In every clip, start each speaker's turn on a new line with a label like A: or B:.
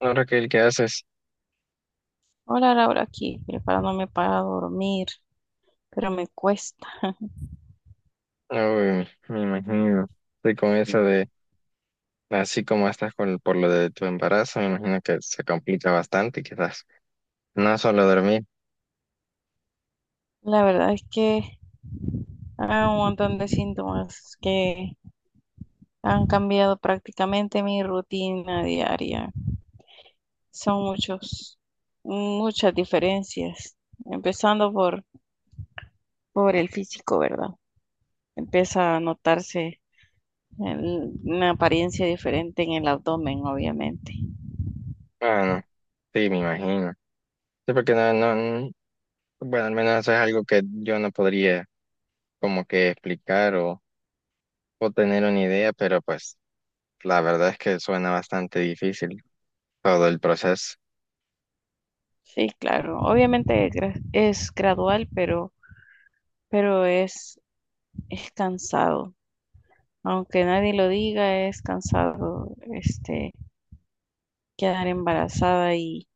A: ¿Ahora que el que haces?
B: Hola Laura, aquí preparándome para dormir, pero me cuesta.
A: Uy, me imagino. Estoy con eso
B: Sí.
A: de, así como estás con, por lo de tu embarazo, me imagino que se complica bastante, quizás. No solo dormir.
B: La verdad es que hay un montón de síntomas que han cambiado prácticamente mi rutina diaria. Son muchos, muchas diferencias, empezando por el físico, ¿verdad? Empieza a notarse una apariencia diferente en el abdomen, obviamente.
A: Bueno, sí, me imagino. Sí, porque no, no, n- bueno, al menos eso es algo que yo no podría como que explicar o tener una idea, pero pues la verdad es que suena bastante difícil todo el proceso.
B: Sí, claro. Obviamente es gradual, pero es cansado, aunque nadie lo diga, es cansado, quedar embarazada y,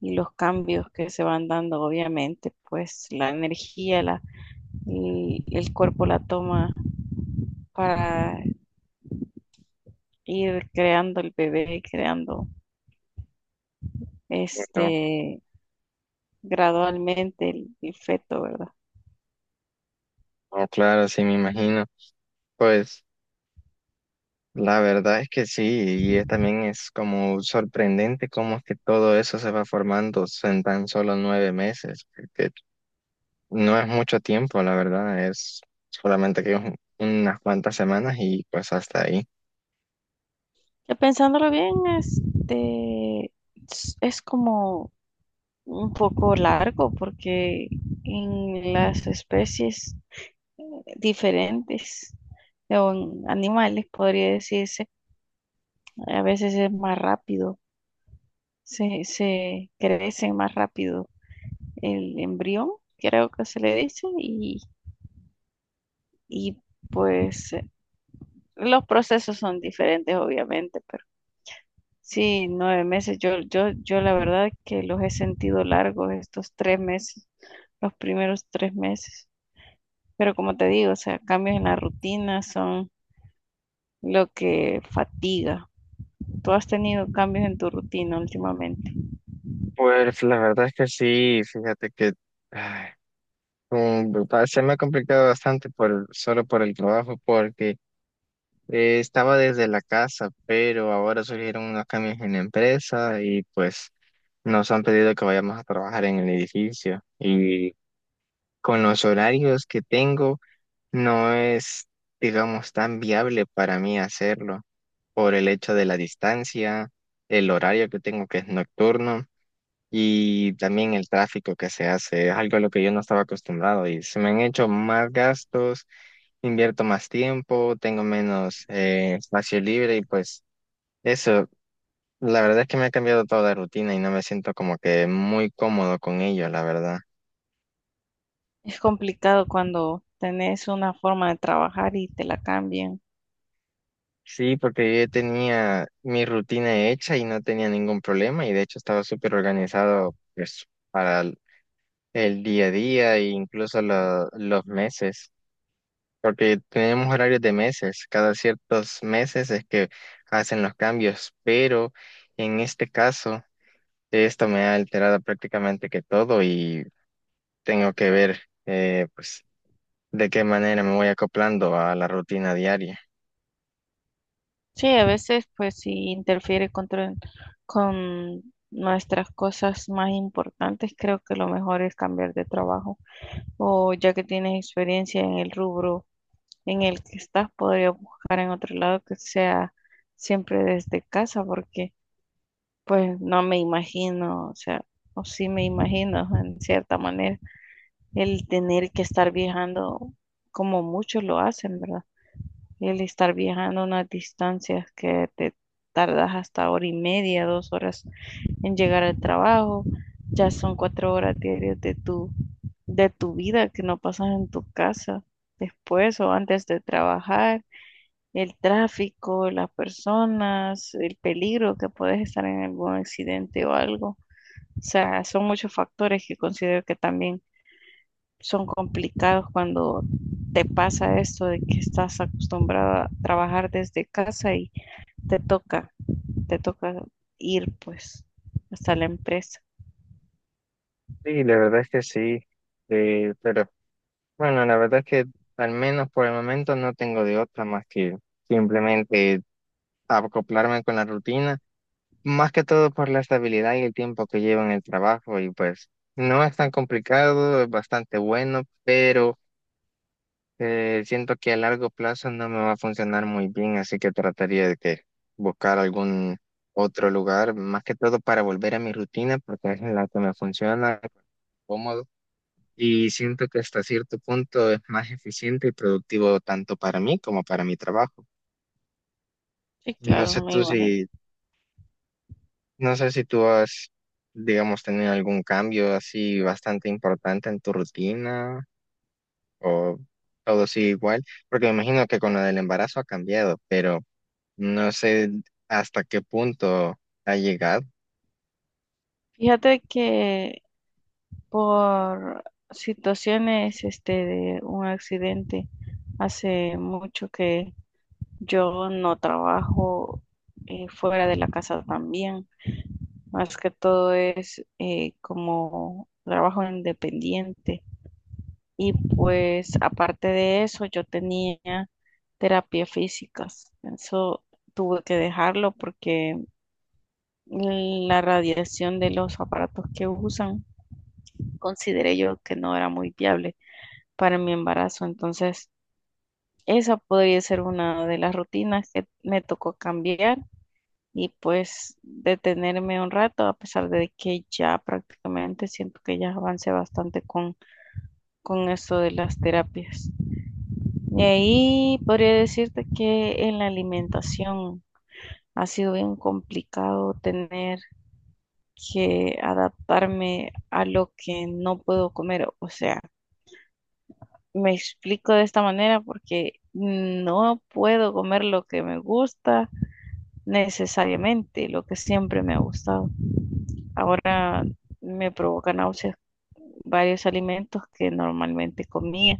B: y los cambios que se van dando, obviamente, pues la energía, y el cuerpo la toma para ir creando el bebé, creando
A: No,
B: este, gradualmente el feto, ¿verdad?
A: no, claro, sí, me imagino. Pues, la verdad es que sí, también es como sorprendente cómo es que todo eso se va formando en tan solo 9 meses, que no es mucho tiempo, la verdad, es solamente que unas cuantas semanas y pues hasta ahí.
B: Ya pensándolo bien, es como un poco largo porque en las especies diferentes o en animales, podría decirse. A veces es más rápido, se crece más rápido el embrión, creo que se le dice, y pues eh, los procesos son diferentes, obviamente, pero sí, 9 meses, yo la verdad que los he sentido largos estos 3 meses, los primeros 3 meses. Pero como te digo, o sea, cambios en la rutina son lo que fatiga. Tú has tenido cambios en tu rutina últimamente.
A: Pues la verdad es que sí, fíjate que ay, se me ha complicado bastante por, solo por el trabajo, porque estaba desde la casa, pero ahora surgieron unos cambios en la empresa y pues... Nos han pedido que vayamos a trabajar en el edificio y con los horarios que tengo no es, digamos, tan viable para mí hacerlo por el hecho de la distancia, el horario que tengo que es nocturno y también el tráfico que se hace. Es algo a lo que yo no estaba acostumbrado y se me han hecho más gastos, invierto más tiempo, tengo menos espacio libre y pues eso, la verdad es que me ha cambiado toda la rutina y no me siento como que muy cómodo con ello, la verdad.
B: Es complicado cuando tenés una forma de trabajar y te la cambian.
A: Sí, porque yo ya tenía mi rutina hecha y no tenía ningún problema y de hecho estaba súper organizado pues, para el día a día e incluso los meses, porque tenemos horarios de meses, cada ciertos meses es que hacen los cambios, pero en este caso esto me ha alterado prácticamente que todo y tengo que ver. Pues de qué manera me voy acoplando a la rutina diaria.
B: Sí, a veces pues sí interfiere con nuestras cosas más importantes. Creo que lo mejor es cambiar de trabajo o ya que tienes experiencia en el rubro en el que estás, podría buscar en otro lado que sea siempre desde casa porque pues no me imagino, o sea, o sí me imagino en cierta manera el tener que estar viajando como muchos lo hacen, ¿verdad? El estar viajando unas distancias que te tardas hasta hora y media, 2 horas en llegar al trabajo, ya son 4 horas diarias de de tu vida que no pasas en tu casa después o antes de trabajar, el tráfico, las personas, el peligro que puedes estar en algún accidente o algo. O sea, son muchos factores que considero que también son complicados cuando te pasa esto de que estás acostumbrada a trabajar desde casa y te toca, te toca ir pues hasta la empresa.
A: Sí, la verdad es que sí, pero bueno, la verdad es que al menos por el momento no tengo de otra más que simplemente acoplarme con la rutina, más que todo por la estabilidad y el tiempo que llevo en el trabajo y pues no es tan complicado, es bastante bueno, pero... siento que a largo plazo no me va a funcionar muy bien, así que trataría de que buscar algún otro lugar, más que todo para volver a mi rutina, porque es la que me funciona, cómodo, y siento que hasta cierto punto es más eficiente y productivo tanto para mí como para mi trabajo.
B: Sí,
A: No
B: claro,
A: sé
B: me
A: tú si,
B: imagino.
A: no sé si tú has, digamos, tenido algún cambio así bastante importante en tu rutina o todo sigue igual, porque me imagino que con lo del embarazo ha cambiado, pero no sé hasta qué punto ha llegado.
B: Fíjate que por situaciones de un accidente hace mucho que yo no trabajo fuera de la casa también. Más que todo es como trabajo independiente. Y pues aparte de eso, yo tenía terapia físicas. Eso tuve que dejarlo porque la radiación de los aparatos que usan consideré yo que no era muy viable para mi embarazo. Entonces, esa podría ser una de las rutinas que me tocó cambiar y pues detenerme un rato, a pesar de que ya prácticamente siento que ya avancé bastante con eso de las terapias. Y ahí podría decirte que en la alimentación ha sido bien complicado tener que adaptarme a lo que no puedo comer. O sea, me explico de esta manera porque no puedo comer lo que me gusta necesariamente, lo que siempre me ha gustado. Ahora me provoca náuseas varios alimentos que normalmente comía.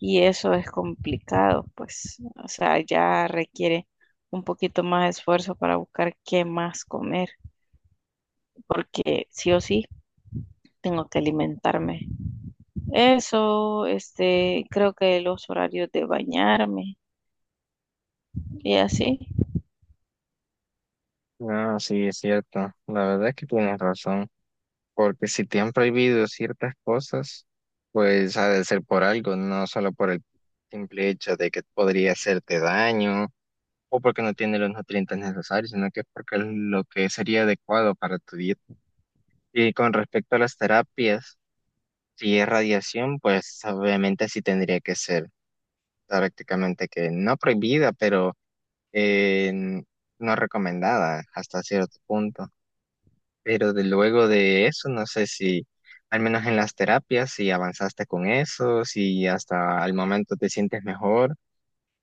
B: Y eso es complicado, pues, o sea, ya requiere un poquito más de esfuerzo para buscar qué más comer, porque sí o sí tengo que alimentarme. Eso, creo que los horarios de bañarme y así.
A: No, sí, es cierto. La verdad es que tienes razón. Porque si te han prohibido ciertas cosas, pues ha de ser por algo, no solo por el simple hecho de que podría hacerte daño o porque no tiene los nutrientes necesarios, sino que es porque es lo que sería adecuado para tu dieta. Y con respecto a las terapias, si es radiación, pues obviamente sí tendría que ser prácticamente que no prohibida, pero eh, no recomendada hasta cierto punto. Pero de luego de eso, no sé si, al menos en las terapias, si avanzaste con eso, si hasta el momento te sientes mejor,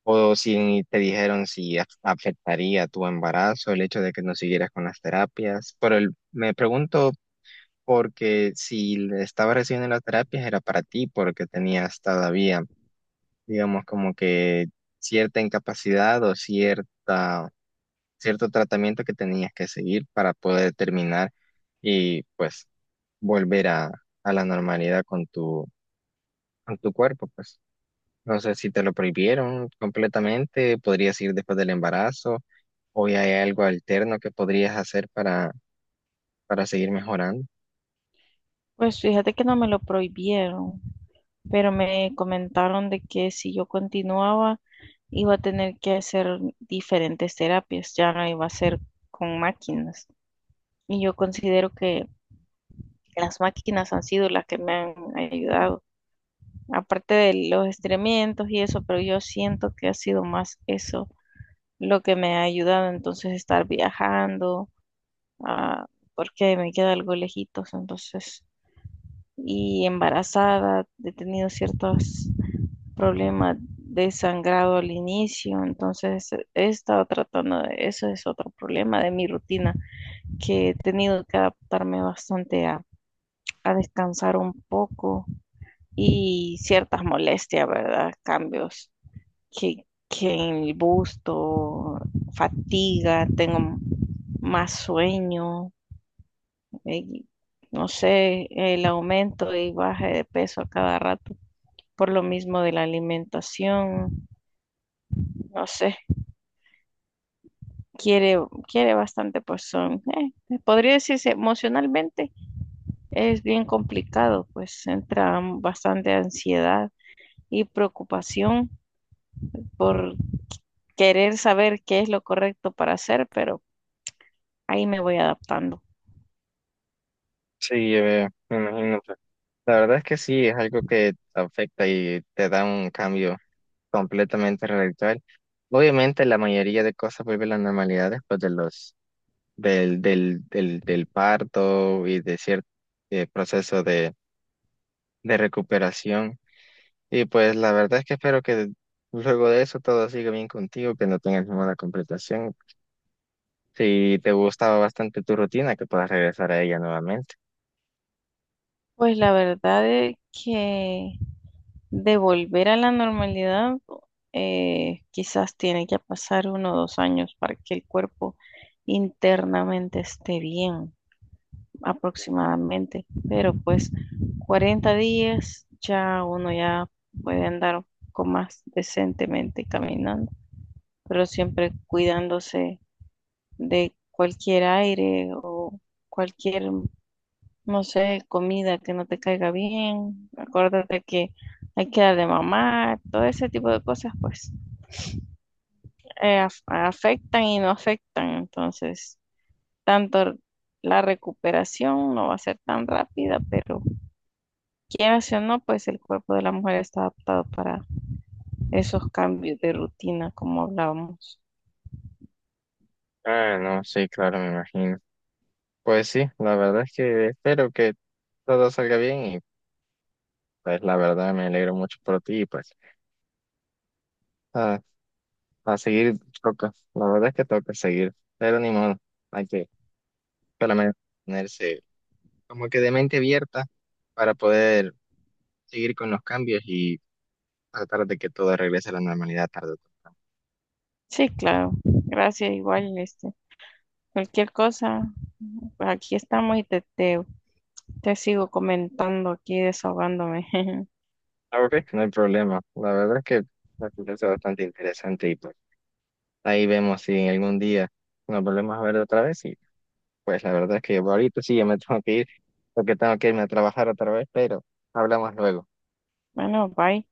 A: o si te dijeron si afectaría tu embarazo el hecho de que no siguieras con las terapias. Pero me pregunto porque si le estabas recibiendo las terapias era para ti, porque tenías todavía, digamos, como que cierta incapacidad o cierta cierto tratamiento que tenías que seguir para poder terminar y pues volver a la normalidad con tu cuerpo, pues. No sé si te lo prohibieron completamente, podrías ir después del embarazo o ya hay algo alterno que podrías hacer para seguir mejorando.
B: Pues fíjate que no me lo prohibieron, pero me comentaron de que si yo continuaba iba a tener que hacer diferentes terapias, ya no iba a ser con máquinas. Y yo considero que las máquinas han sido las que me han ayudado, aparte de los estremientos y eso, pero yo siento que ha sido más eso lo que me ha ayudado, entonces estar viajando, ah, porque me queda algo lejitos, entonces, y embarazada, he tenido ciertos problemas de sangrado al inicio, entonces he estado tratando de eso, es otro problema de mi rutina, que he tenido que adaptarme bastante a descansar un poco y ciertas molestias, ¿verdad? Cambios que en el busto, fatiga, tengo más sueño, eh, no sé, el aumento y baje de peso a cada rato por lo mismo de la alimentación, no sé, quiere, quiere bastante, pues son, podría decirse emocionalmente es bien complicado, pues entra bastante ansiedad y preocupación por querer saber qué es lo correcto para hacer, pero ahí me voy adaptando.
A: Sí, me imagino, pues. La verdad es que sí, es algo que te afecta y te da un cambio completamente radical. Obviamente la mayoría de cosas vuelve a la normalidad después de los del parto y de cierto proceso de recuperación. Y pues la verdad es que espero que luego de eso todo siga bien contigo, que no tengas ninguna complicación. Si te gustaba bastante tu rutina, que puedas regresar a ella nuevamente.
B: Pues la verdad es que de volver a la normalidad, quizás tiene que pasar uno o dos años para que el cuerpo internamente esté bien, aproximadamente. Pero pues 40 días ya uno ya puede andar con más decentemente caminando, pero siempre cuidándose de cualquier aire o cualquier, no sé, comida que no te caiga bien. Acuérdate que hay que darle mamá, todo ese tipo de cosas, pues afectan y no afectan. Entonces, tanto la recuperación no va a ser tan rápida, pero quieras o no, pues el cuerpo de la mujer está adaptado para esos cambios de rutina, como hablábamos.
A: Ah, no, sí, claro, me imagino. Pues sí, la verdad es que espero que todo salga bien y pues la verdad me alegro mucho por ti y pues ah, a seguir toca, la verdad es que toca seguir, pero ni modo, hay que solamente ponerse como que de mente abierta para poder seguir con los cambios y tratar de que todo regrese a la normalidad tarde o temprano.
B: Sí, claro. Gracias, igual, cualquier cosa, pues aquí estamos y Te sigo comentando aquí, desahogándome.
A: Ah, ok. No hay problema. La verdad es que me parece bastante interesante y pues ahí vemos si en algún día nos volvemos a ver otra vez y pues la verdad es que ahorita sí ya me tengo que ir porque tengo que irme a trabajar otra vez, pero hablamos luego.
B: Bueno, bye.